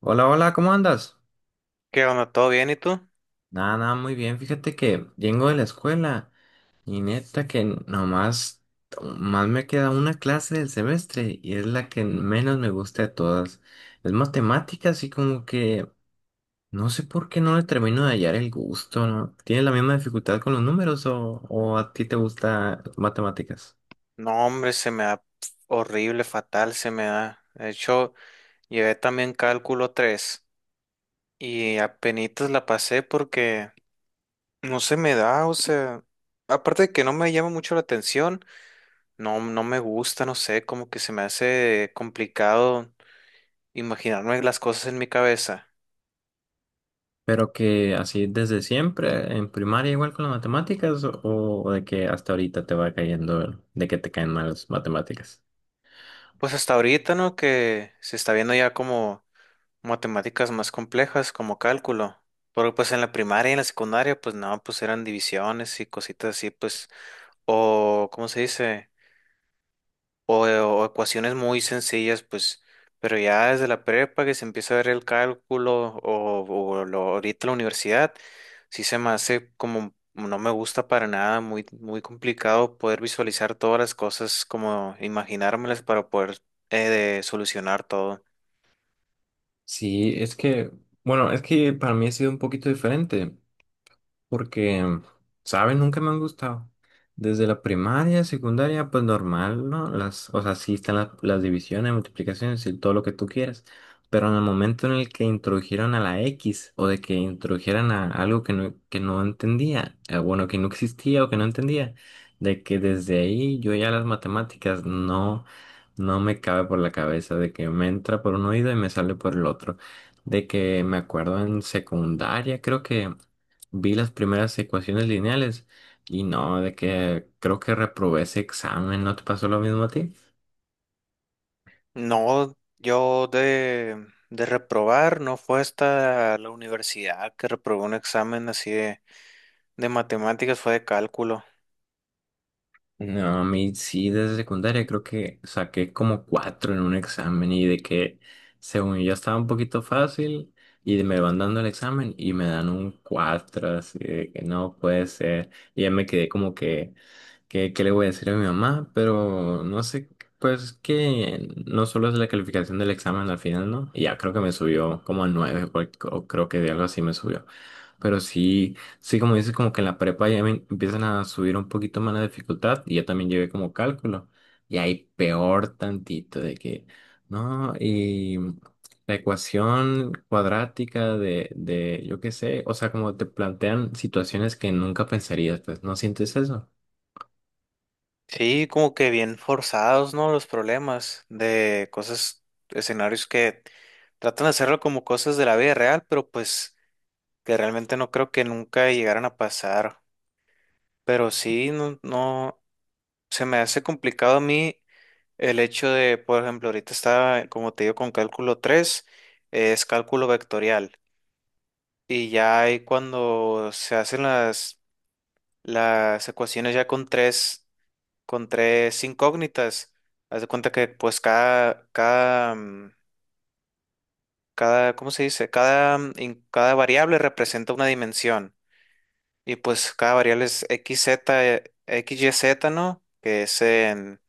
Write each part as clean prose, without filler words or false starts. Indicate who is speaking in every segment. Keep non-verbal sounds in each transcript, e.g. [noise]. Speaker 1: Hola, hola, ¿cómo andas?
Speaker 2: ¿Qué onda? ¿Todo bien y tú?
Speaker 1: Nada, nada, muy bien. Fíjate que vengo de la escuela y neta que nomás más me queda una clase del semestre y es la que menos me gusta de todas. Es matemáticas y como que no sé por qué no le termino de hallar el gusto, ¿no? ¿Tienes la misma dificultad con los números o a ti te gusta matemáticas?
Speaker 2: No, hombre, se me da pf, horrible, fatal, se me da. De hecho, llevé también cálculo 3 y apenitas la pasé porque no se me da, o sea, aparte de que no me llama mucho la atención, no, no me gusta, no sé, como que se me hace complicado imaginarme las cosas en mi cabeza.
Speaker 1: Pero que así desde siempre, en primaria igual con las matemáticas o de que hasta ahorita te va cayendo, de que te caen mal las matemáticas.
Speaker 2: Pues hasta ahorita, ¿no? Que se está viendo ya como matemáticas más complejas como cálculo. Porque pues en la primaria y en la secundaria, pues no, pues eran divisiones y cositas así, pues, o, ¿cómo se dice? O ecuaciones muy sencillas, pues, pero ya desde la prepa que se empieza a ver el cálculo o lo, ahorita la universidad, sí se me hace como, no me gusta para nada, muy, muy complicado poder visualizar todas las cosas, como imaginármelas para poder de solucionar todo.
Speaker 1: Sí, es que, bueno, es que para mí ha sido un poquito diferente porque, ¿saben? Nunca me han gustado. Desde la primaria, secundaria, pues normal, ¿no? Las, o sea, sí están las divisiones, multiplicaciones y todo lo que tú quieras. Pero en el momento en el que introdujeron a la X o de que introdujeran a algo que no entendía, bueno, que no existía o que no entendía, de que desde ahí yo ya las matemáticas no, no me cabe por la cabeza, de que me entra por un oído y me sale por el otro. De que me acuerdo en secundaria, creo que vi las primeras ecuaciones lineales y no, de que creo que reprobé ese examen. ¿No te pasó lo mismo a ti?
Speaker 2: No, yo de reprobar, no fue hasta la universidad que reprobé un examen así de matemáticas, fue de cálculo.
Speaker 1: No, a mí sí, desde secundaria creo que saqué como cuatro en un examen y de que según yo estaba un poquito fácil y me van dando el examen y me dan un cuatro, así de que no puede ser. Y ya me quedé como que ¿qué, qué le voy a decir a mi mamá? Pero no sé, pues que no solo es la calificación del examen al final, ¿no? Y ya creo que me subió como a nueve, por- o creo que de algo así me subió. Pero sí, sí, como dices, como que en la prepa ya me empiezan a subir un poquito más la dificultad y yo también llevé como cálculo. Y ahí peor tantito de que, ¿no? Y la ecuación cuadrática de, yo qué sé, o sea, como te plantean situaciones que nunca pensarías, pues, ¿no sientes eso?
Speaker 2: Sí, como que bien forzados, ¿no? Los problemas de cosas, escenarios que tratan de hacerlo como cosas de la vida real, pero pues que realmente no creo que nunca llegaran a pasar. Pero sí, no, no, se me hace complicado a mí el hecho de, por ejemplo, ahorita está, como te digo, con cálculo tres, es cálculo vectorial. Y ya ahí cuando se hacen las ecuaciones ya con tres incógnitas, haz de cuenta que pues cada, cada, cada, ¿cómo se dice? Cada, cada variable representa una dimensión. Y pues cada variable es X, Z, X, y Z, ¿no? Que es en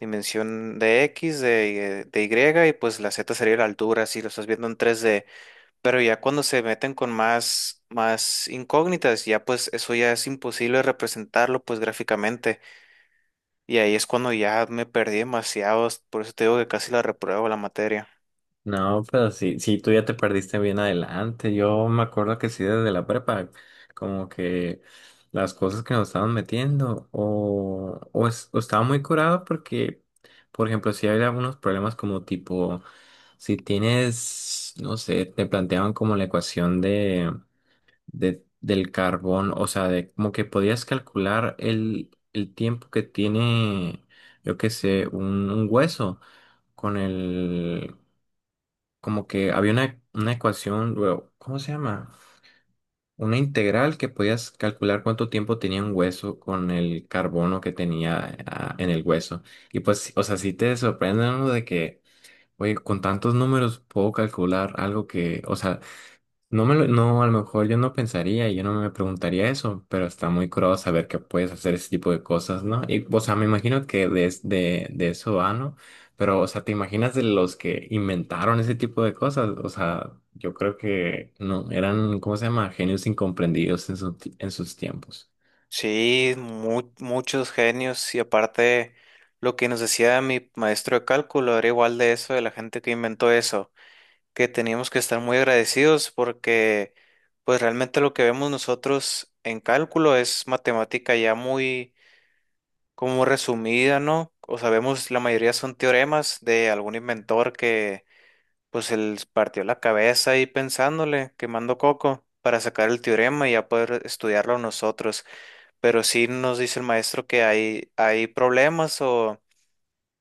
Speaker 2: dimensión de X, de Y, y pues la Z sería la altura, si lo estás viendo en 3D. Pero ya cuando se meten con más, más incógnitas, ya pues eso ya es imposible representarlo pues gráficamente. Y ahí es cuando ya me perdí demasiado, por eso te digo que casi la repruebo la materia.
Speaker 1: No, pero sí, sí, tú ya te perdiste bien adelante. Yo me acuerdo que sí, desde la prepa, como que las cosas que nos estaban metiendo, o, es- o estaba muy curado porque, por ejemplo, si había algunos problemas como tipo, si tienes, no sé, te planteaban como la ecuación de- del carbón, o sea, de como que podías calcular el tiempo que tiene, yo qué sé, un hueso con el como que había una ecuación, bueno, ¿cómo se llama? Una integral que podías calcular cuánto tiempo tenía un hueso con el carbono que tenía ah, en el hueso. Y pues, sí, o sea, sí te sorprende, ¿no? De que, oye, con tantos números puedo calcular algo que, o sea, no me lo- no, a lo mejor yo no pensaría, y yo no me preguntaría eso, pero está muy curado saber que puedes hacer ese tipo de cosas, ¿no? Y, o sea, me imagino que de, es- de eso va, ¿no? Pero, o sea, ¿te imaginas de los que inventaron ese tipo de cosas? O sea, yo creo que no, eran, ¿cómo se llama? Genios incomprendidos en, su ti- en sus tiempos.
Speaker 2: Sí, muchos genios, y aparte lo que nos decía mi maestro de cálculo era igual de eso, de la gente que inventó eso, que teníamos que estar muy agradecidos porque pues realmente lo que vemos nosotros en cálculo es matemática ya muy como resumida, ¿no? O sabemos, la mayoría son teoremas de algún inventor que pues él partió la cabeza ahí pensándole, quemando coco para sacar el teorema y ya poder estudiarlo nosotros. Pero sí nos dice el maestro que hay problemas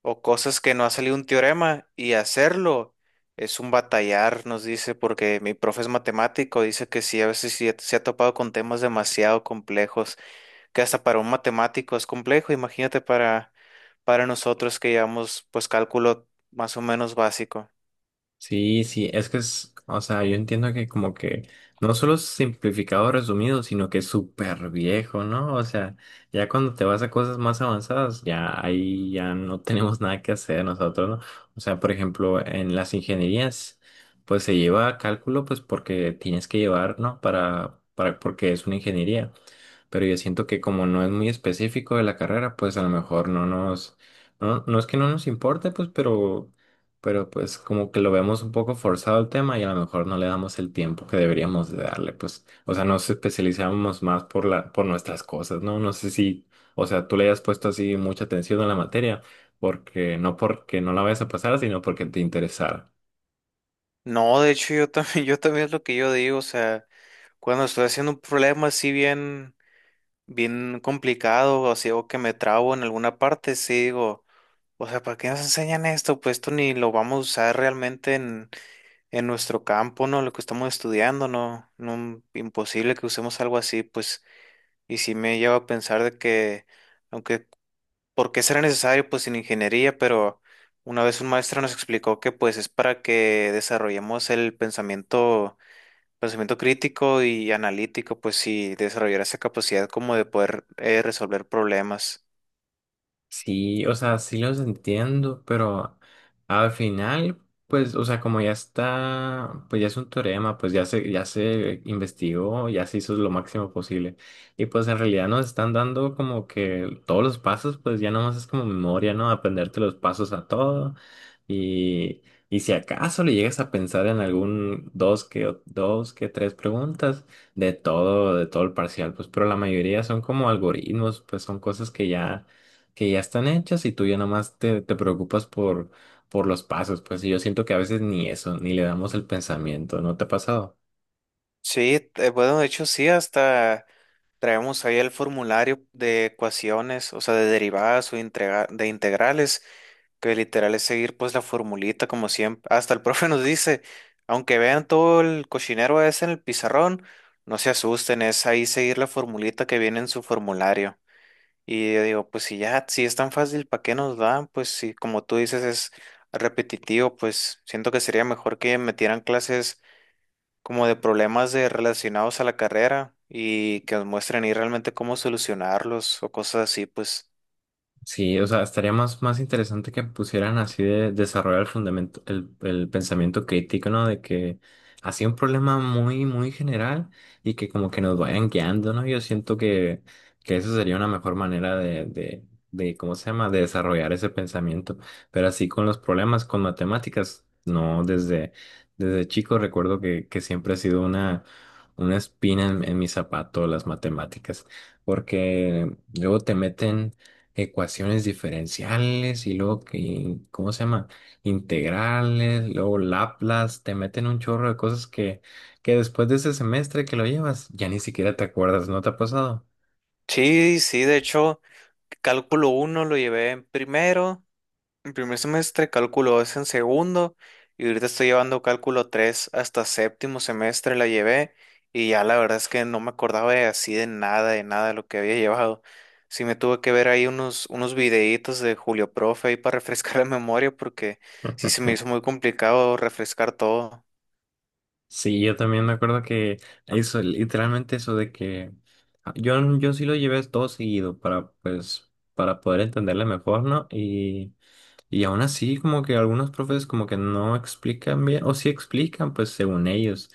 Speaker 2: o cosas que no ha salido un teorema, y hacerlo es un batallar, nos dice, porque mi profe es matemático. Dice que sí, a veces sí se ha topado con temas demasiado complejos, que hasta para un matemático es complejo, imagínate para nosotros que llevamos pues cálculo más o menos básico.
Speaker 1: Sí, sí, es que es, o sea, yo entiendo que como que no solo es simplificado resumido, sino que es súper viejo, ¿no? O sea, ya cuando te vas a cosas más avanzadas, ya ahí ya no [laughs] tenemos nada que hacer nosotros, ¿no? O sea, por ejemplo, en las ingenierías, pues se lleva cálculo, pues porque tienes que llevar, ¿no? Para, porque es una ingeniería, pero yo siento que como no es muy específico de la carrera, pues a lo mejor no nos, no, no es que no nos importe, pues, pero pues como que lo vemos un poco forzado el tema y a lo mejor no le damos el tiempo que deberíamos de darle, pues, o sea, nos especializamos más por la, por nuestras cosas, ¿no? No sé si, o sea, tú le hayas puesto así mucha atención a la materia, porque no la vayas a pasar, sino porque te interesara.
Speaker 2: No, de hecho yo también, [laughs] yo también es lo que yo digo, o sea, cuando estoy haciendo un problema así bien bien complicado, o si o que me trabo en alguna parte, sí digo, o sea, ¿para qué nos enseñan esto? Pues esto ni lo vamos a usar realmente en nuestro campo, ¿no? Lo que estamos estudiando, ¿no? No, imposible que usemos algo así, pues, y sí me lleva a pensar de que, aunque, ¿por qué será necesario? Pues en ingeniería, pero una vez un maestro nos explicó que pues es para que desarrollemos el pensamiento. Pensamiento crítico y analítico, pues sí, desarrollar esa capacidad como de poder resolver problemas.
Speaker 1: Sí, o sea, sí los entiendo, pero al final, pues, o sea, como ya está, pues ya es un teorema, pues ya se investigó, ya se hizo lo máximo posible. Y pues en realidad nos están dando como que todos los pasos, pues ya nomás es como memoria, ¿no? Aprenderte los pasos a todo. Y, y si acaso le llegas a pensar en algún dos que tres preguntas de todo el parcial, pues, pero la mayoría son como algoritmos, pues son cosas que ya están hechas y tú ya nada más te, te preocupas por los pasos, pues y yo siento que a veces ni eso, ni le damos el pensamiento, ¿no te ha pasado?
Speaker 2: Sí, bueno, de hecho sí, hasta traemos ahí el formulario de ecuaciones, o sea, de derivadas o de integrales, que literal es seguir pues la formulita como siempre. Hasta el [laughs] profe nos dice, aunque vean todo el cochinero ese en el pizarrón, no se asusten, es ahí seguir la formulita que viene en su formulario. Y yo digo, pues si ya, si es tan fácil, ¿para qué nos dan? Pues si como tú dices es repetitivo, pues siento que sería mejor que metieran clases como de problemas de relacionados a la carrera y que nos muestren ahí realmente cómo solucionarlos o cosas así, pues.
Speaker 1: Sí, o sea, estaría más, más interesante que pusieran así de desarrollar el fundamento, el pensamiento crítico, ¿no? De que así un problema muy, muy general y que como que nos vayan guiando, ¿no? Yo siento que eso sería una mejor manera de, ¿cómo se llama? De desarrollar ese pensamiento. Pero así con los problemas, con matemáticas, no, desde, desde chico recuerdo que siempre ha sido una espina en mi zapato las matemáticas, porque luego te meten ecuaciones diferenciales y luego que, ¿cómo se llama? Integrales, luego Laplace, te meten un chorro de cosas que después de ese semestre que lo llevas, ya ni siquiera te acuerdas, ¿no te ha pasado?
Speaker 2: Sí, sí, de hecho, cálculo uno lo llevé en primero, en primer semestre, cálculo 2 en segundo, y ahorita estoy llevando cálculo 3 hasta séptimo semestre la llevé, y ya la verdad es que no me acordaba de así de nada, de nada de lo que había llevado. Sí me tuve que ver ahí unos, unos videitos de Julio Profe ahí para [laughs] refrescar la memoria, porque sí se me hizo muy complicado refrescar todo.
Speaker 1: Sí, yo también me acuerdo que eso, literalmente eso de que ah, yo sí lo llevé todo seguido para, pues, para poder entenderle mejor, ¿no? Y aún así, como que algunos profes como que no explican bien, o sí explican, pues según ellos,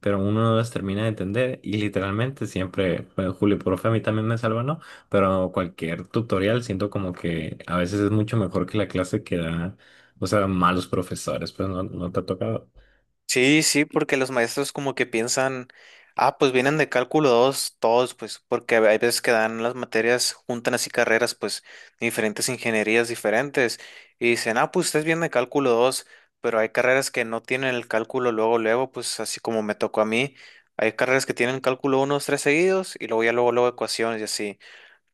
Speaker 1: pero uno no las termina de entender y literalmente siempre, bueno, Julio, profe, a mí también me salva, ¿no? Pero cualquier tutorial siento como que a veces es mucho mejor que la clase que da, o sea, malos profesores, pues no, no te ha tocado.
Speaker 2: Sí, sí, porque los maestros como que piensan, ah, pues vienen de cálculo 2, todos, pues, porque hay veces que dan las materias, juntan así carreras, pues, de diferentes ingenierías diferentes, y dicen, ah, pues ustedes vienen de cálculo 2, pero hay carreras que no tienen el cálculo luego, luego, pues, así como me tocó a mí, hay carreras que tienen cálculo 1, 3 seguidos, y luego ya luego, luego ecuaciones y así,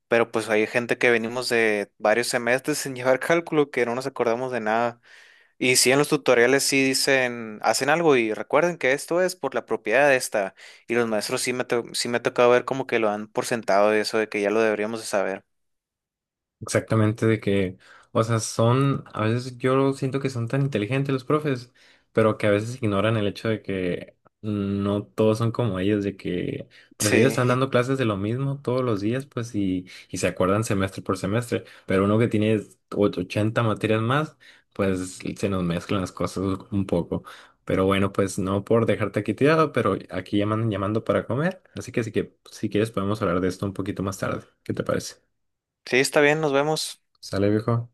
Speaker 2: pero pues hay gente que venimos de varios semestres [laughs] sin llevar cálculo, que no nos acordamos de nada. Y si en los tutoriales sí dicen, hacen algo y recuerden que esto es por la propiedad de esta. Y los maestros sí me, sí me ha tocado ver como que lo han por sentado de eso, de que ya lo deberíamos de saber.
Speaker 1: Exactamente, de que, o sea, son, a veces yo siento que son tan inteligentes los profes, pero que a veces ignoran el hecho de que no todos son como ellos, de que, pues ellos
Speaker 2: Sí,
Speaker 1: están dando clases de lo mismo todos los días, pues, y se acuerdan semestre por semestre, pero uno que tiene och- 80 materias más, pues se nos mezclan las cosas un poco. Pero bueno, pues no por dejarte aquí tirado, pero aquí llaman llamando para comer, así que, sí que si quieres podemos hablar de esto un poquito más tarde. ¿Qué te parece?
Speaker 2: [laughs] sí, está bien, nos vemos.
Speaker 1: ¿Sale, viejo?